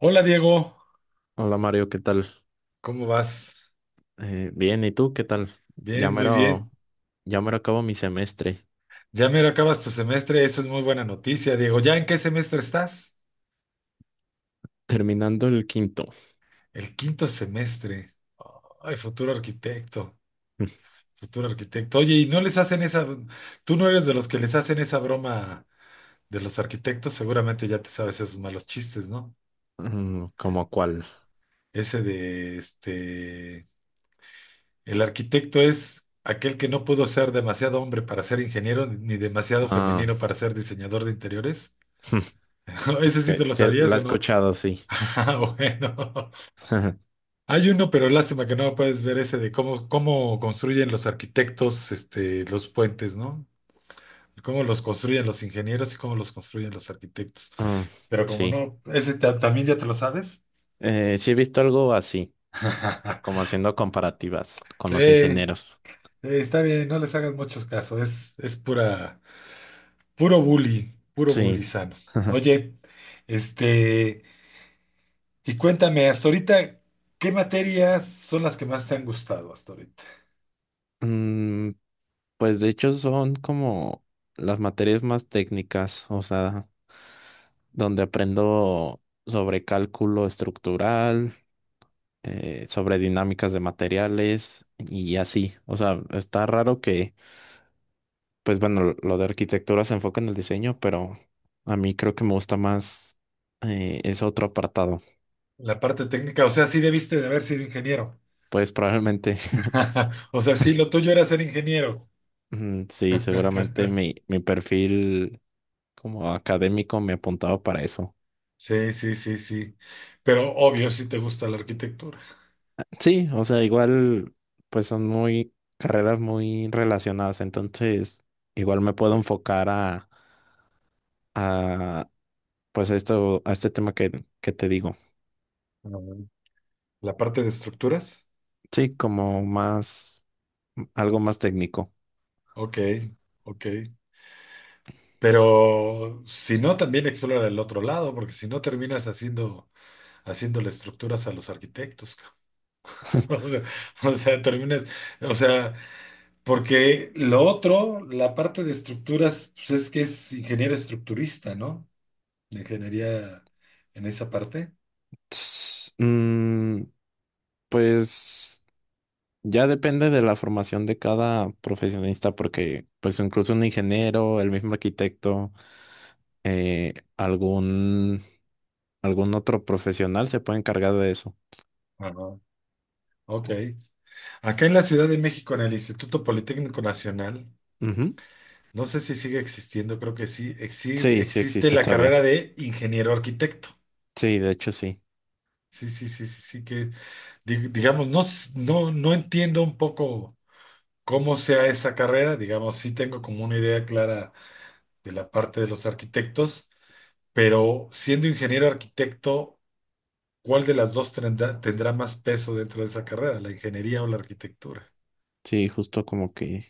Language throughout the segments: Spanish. Hola Diego, Hola Mario, ¿qué tal? ¿cómo vas? Bien, ¿y tú qué tal? Ya Bien, muy mero, bien. ya mero acabo mi semestre, Ya mero acabas tu semestre, eso es muy buena noticia, Diego. ¿Ya en qué semestre estás? terminando el quinto. El quinto semestre. Ay, futuro arquitecto, futuro arquitecto. Oye, ¿y no les hacen esa, tú no eres de los que les hacen esa broma de los arquitectos? Seguramente ya te sabes esos malos chistes, ¿no? Mm, ¿cómo cuál? Ese de, este, el arquitecto es aquel que no pudo ser demasiado hombre para ser ingeniero ni demasiado Ah, femenino para ser diseñador de interiores. ¿Ese sí te que- lo que sabías la he o no? escuchado, sí. Ah, bueno. Hay uno, pero lástima que no puedes ver ese de cómo, cómo construyen los arquitectos, este, los puentes, ¿no? Cómo los construyen los ingenieros y cómo los construyen los arquitectos. Mm, Pero como sí. no, ese también ya te lo sabes. Sí he visto algo así, como haciendo comparativas con Sí, los ingenieros. está bien, no les hagas muchos casos, es pura, puro Sí. bully sano. Oye, este, y cuéntame, hasta ahorita, ¿qué materias son las que más te han gustado hasta ahorita? Mm, pues de hecho son como las materias más técnicas, o sea, donde aprendo sobre cálculo estructural. Sobre dinámicas de materiales y así. O sea, está raro que, pues bueno, lo de arquitectura se enfoca en el diseño, pero a mí creo que me gusta más ese otro apartado. La parte técnica, o sea, sí debiste de haber sido ingeniero. Pues probablemente, O sea, sí, lo tuyo era ser ingeniero. mm, sí, seguramente mi perfil como académico me apuntaba para eso. Sí, sí, sí, sí. Pero obvio, sí te gusta la arquitectura. Sí, o sea, igual, pues son muy carreras muy relacionadas, entonces igual me puedo enfocar a, pues a esto, a este tema que te digo. Ujú. La parte de estructuras. Sí, como más, algo más técnico. Ok, ok. Pero si no, también explora el otro lado, porque si no terminas haciendo, haciéndole estructuras a los arquitectos. O sea, o sea, terminas, o sea, porque lo otro, la parte de estructuras, pues es que es ingeniero estructurista, ¿no? De ingeniería en esa parte. Ts- mm, pues ya depende de la formación de cada profesionista, porque pues incluso un ingeniero, el mismo arquitecto, eh, algún, algún otro profesional se puede encargar de eso. Ajá. Ok. Acá en la Ciudad de México, en el Instituto Politécnico Nacional, Ujú. no sé si sigue existiendo, creo que sí, Sí, sí existe existe la todavía. carrera de ingeniero arquitecto. Sí, de hecho sí. Sí, sí, sí, sí, sí, que digamos, no, no, no entiendo un poco cómo sea esa carrera, digamos, sí tengo como una idea clara de la parte de los arquitectos. Pero siendo ingeniero arquitecto, ¿cuál de las dos tendrá, tendrá más peso dentro de esa carrera, la ingeniería o la arquitectura? Sí, justo como que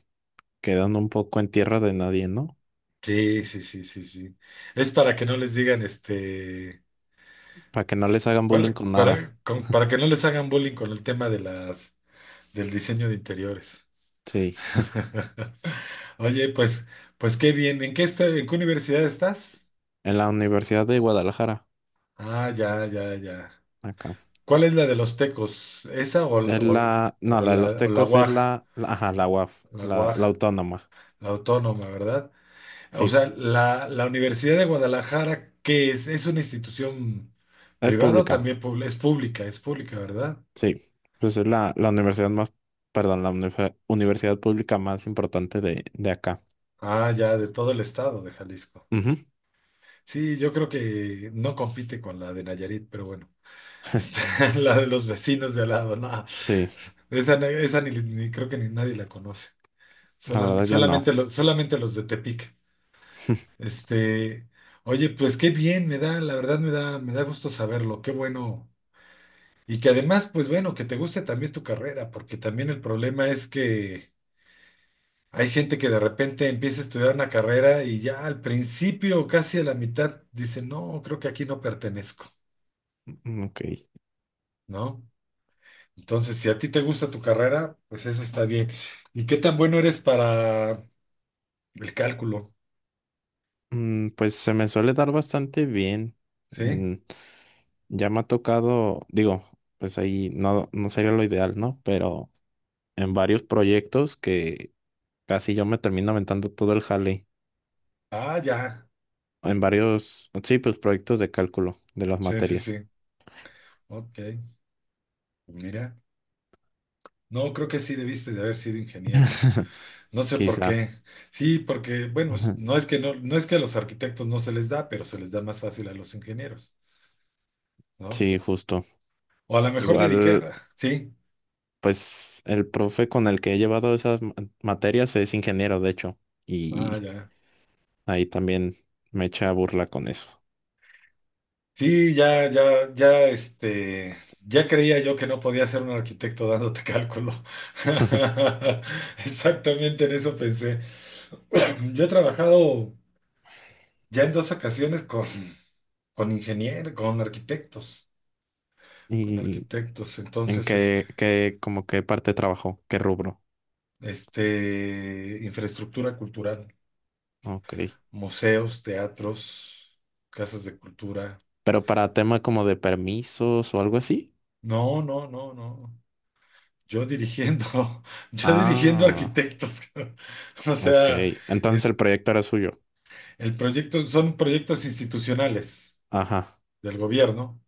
quedando un poco en tierra de nadie, ¿no? Sí, sí, sí, sí, sí. Es para que no les digan, este, Para que no les hagan bullying con nada. para, para que no les hagan bullying con el tema de las, del diseño de interiores. Sí. Oye, pues, pues qué bien. ¿En qué, en qué universidad estás? En la Universidad de Guadalajara, Ah, ya, ya, ya. acá. ¿Cuál es la de los tecos? ¿Esa Es la, no, la de los o la Tecos es UAG? Ajá, la UAF, La la UAG. autónoma. La autónoma, ¿verdad? O Sí, sea, la, la Universidad de Guadalajara, ¿qué es? ¿Es una institución es privada o pública. también es pública? Es pública, ¿verdad? Sí, pues es la universidad más, perdón, universidad pública más importante de acá. Ah, ya, de todo el estado de Jalisco. Ujú. Sí, yo creo que no compite con la de Nayarit, pero bueno, está la de los vecinos de al lado, no. Sí, Esa, esa ni, ni creo que ni nadie la conoce. la verdad yo Solamente, no. Solamente los de Tepic. Este, oye, pues qué bien, me da, la verdad me da gusto saberlo. Qué bueno. Y que además, pues bueno, que te guste también tu carrera, porque también el problema es que hay gente que de repente empieza a estudiar una carrera y ya al principio, casi a la mitad, dice, no, creo que aquí no pertenezco, Ok. ¿no? Entonces, si a ti te gusta tu carrera, pues eso está bien. ¿Y qué tan bueno eres para el cálculo? Mm, pues se me suele dar bastante bien. ¿Sí? En- ya me ha tocado, digo, pues ahí no, no sería lo ideal, ¿no? Pero en varios proyectos que casi yo me termino aventando todo el jale Ah, ya. en varios, sí, pues proyectos de cálculo de las Sí, sí, sí. materias. Ok. Mira. No, creo que sí debiste de haber sido ingeniero. No sé por Quizá. qué. Sí, porque, bueno, Ajá. no es que no, no es que a los arquitectos no se les da, pero se les da más fácil a los ingenieros, ¿no? Sí, justo. O a lo mejor Igual, dedicar, sí. pues el profe con el que he llevado materias es ingeniero, de hecho, Ah, y ya. ahí también me echa burla con eso. Sí, ya, ya, ya, ya creía yo que no podía ser un arquitecto dándote cálculo. Exactamente en eso pensé. Yo he trabajado ya en dos ocasiones con ingenieros, con arquitectos, con ¿Y arquitectos. en Entonces, como qué parte trabajó? ¿Qué rubro? Infraestructura cultural. Ok. Museos, teatros, casas de cultura. Pero para tema como de permisos o algo así. No, no, no, no. Yo dirigiendo, yo dirigiendo Ah, arquitectos. O ok. sea, Entonces es, el proyecto era suyo. el proyecto, son proyectos institucionales Ajá, del gobierno.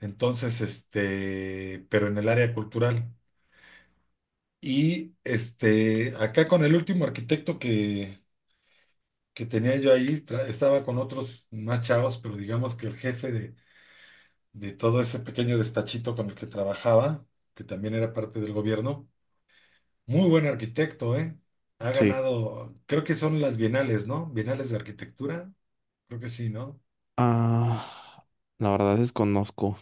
Entonces, pero en el área cultural. Y este, acá con el último arquitecto que tenía yo ahí, estaba con otros más chavos, pero digamos que el jefe de todo ese pequeño despachito con el que trabajaba, que también era parte del gobierno. Muy buen arquitecto, ¿eh? Ha sí. ganado, creo que son las bienales, ¿no? Bienales de arquitectura, creo que sí, ¿no? Ah, la verdad desconozco.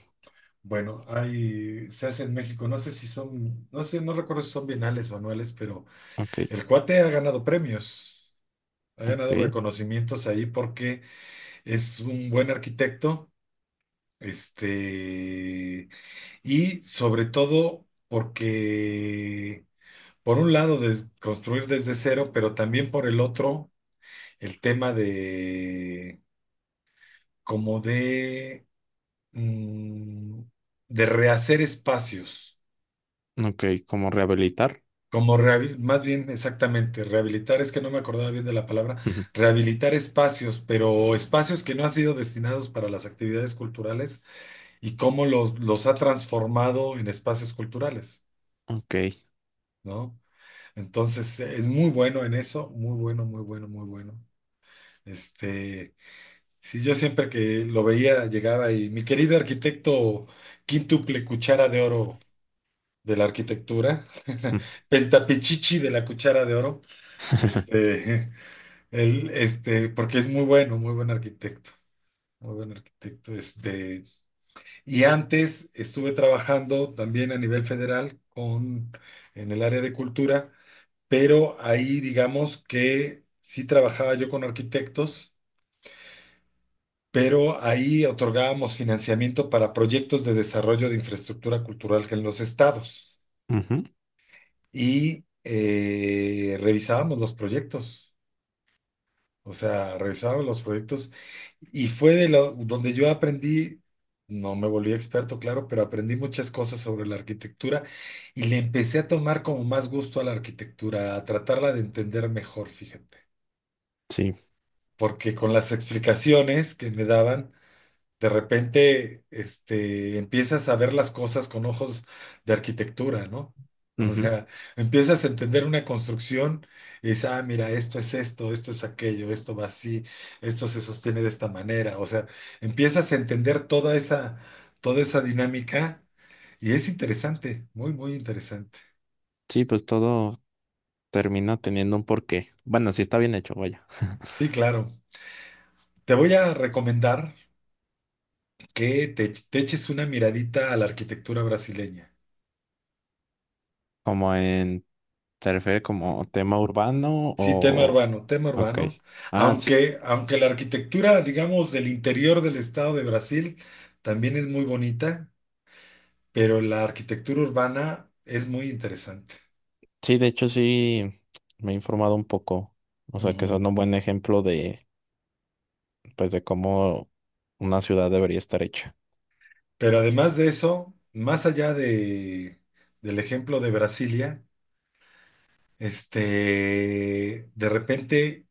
Bueno, hay, se hace en México, no sé si son, no sé, no recuerdo si son bienales o anuales, pero Ok, el cuate ha ganado premios, ha ok, ganado reconocimientos ahí porque es un buen arquitecto, este, y sobre todo porque por un lado, de construir desde cero, pero también por el otro, el tema de como de, mm, de rehacer espacios, ok, ¿cómo rehabilitar? como más bien exactamente, rehabilitar, es que no me acordaba bien de la palabra, Ujú, rehabilitar espacios, pero espacios que no han sido destinados para las actividades culturales y cómo los ha transformado en espacios culturales, ok. ¿no? Entonces, es muy bueno en eso, muy bueno, muy bueno, muy bueno. Este, sí, yo siempre que lo veía llegaba y mi querido arquitecto quíntuple cuchara de oro de la arquitectura, pentapichichi de la cuchara de oro, este, él, porque es muy bueno, muy buen arquitecto, y antes estuve trabajando también a nivel federal con, en el área de cultura, pero ahí digamos que sí trabajaba yo con arquitectos, pero ahí otorgábamos financiamiento para proyectos de desarrollo de infraestructura cultural en los estados Ujú, y revisábamos los proyectos, o sea, revisábamos los proyectos y fue de lo, donde yo aprendí, no me volví experto, claro, pero aprendí muchas cosas sobre la arquitectura y le empecé a tomar como más gusto a la arquitectura, a tratarla de entender mejor, fíjate. sí, Porque con las explicaciones que me daban, de repente, empiezas a ver las cosas con ojos de arquitectura, ¿no? O ujú. sea, empiezas a entender una construcción y dices, ah, mira, esto es esto, esto es aquello, esto va así, esto se sostiene de esta manera. O sea, empiezas a entender toda esa dinámica y es interesante, muy, muy interesante. Sí, pues todo termina teniendo un porqué. Bueno, sí está bien hecho, vaya. Sí, claro. Te voy a recomendar que te eches una miradita a la arquitectura brasileña. Como en, ¿se refiere como tema urbano Sí, tema o...? urbano, tema Ok. urbano. Ah, sí, Aunque, aunque la arquitectura, digamos, del interior del estado de Brasil también es muy bonita, pero la arquitectura urbana es muy interesante. sí, de hecho sí me he informado un poco. O sea, que Ujú. son un buen ejemplo de, pues, de cómo una ciudad debería estar hecha. Pero además de eso, más allá de, del ejemplo de Brasilia, de repente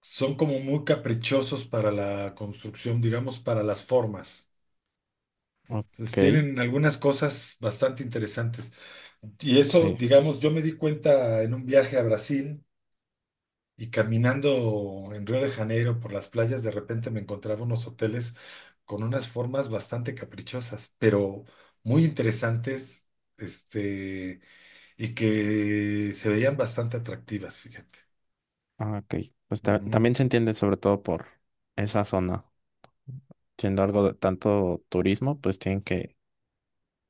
son como muy caprichosos para la construcción, digamos, para las formas. Ok, Pues tienen algunas cosas bastante interesantes. Y eso, sí. digamos, yo me di cuenta en un viaje a Brasil y caminando en Río de Janeiro por las playas, de repente me encontraba unos hoteles con unas formas bastante caprichosas, pero muy interesantes, este, y que se veían bastante atractivas, fíjate. Ah, ok. Pues Ujú. también se entiende sobre todo por esa zona. Siendo algo de tanto turismo, pues tienen que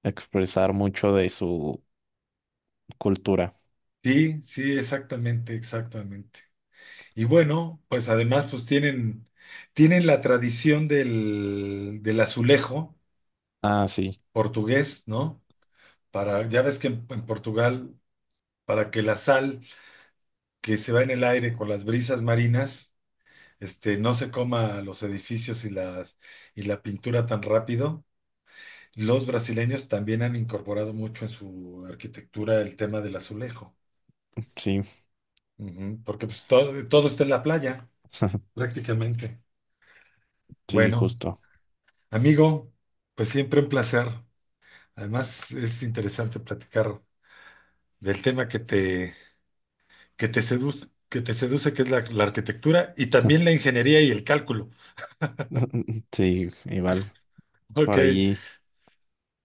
expresar mucho de su cultura. Sí, sí, exactamente, exactamente. Y bueno, pues además pues tienen, tienen la tradición del, del azulejo Ah, sí, portugués, ¿no? Para, ya ves que en Portugal, para que la sal que se va en el aire con las brisas marinas, no se coma los edificios y las, y la pintura tan rápido, los brasileños también han incorporado mucho en su arquitectura el tema del azulejo, sí, ujú, porque pues todo, todo está en la playa, prácticamente. sí, Bueno, justo. amigo, pues siempre un placer. Además, es interesante platicar del tema que te seduce, que te seduce, que es la, la arquitectura y también la ingeniería y el cálculo. Sí, igual. Ok, Por ahí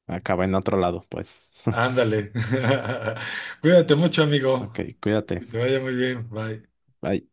acaba en otro lado, pues. ándale. Cuídate mucho, Ok, amigo. Que cuídate. te vaya muy bien. Bye. Bye.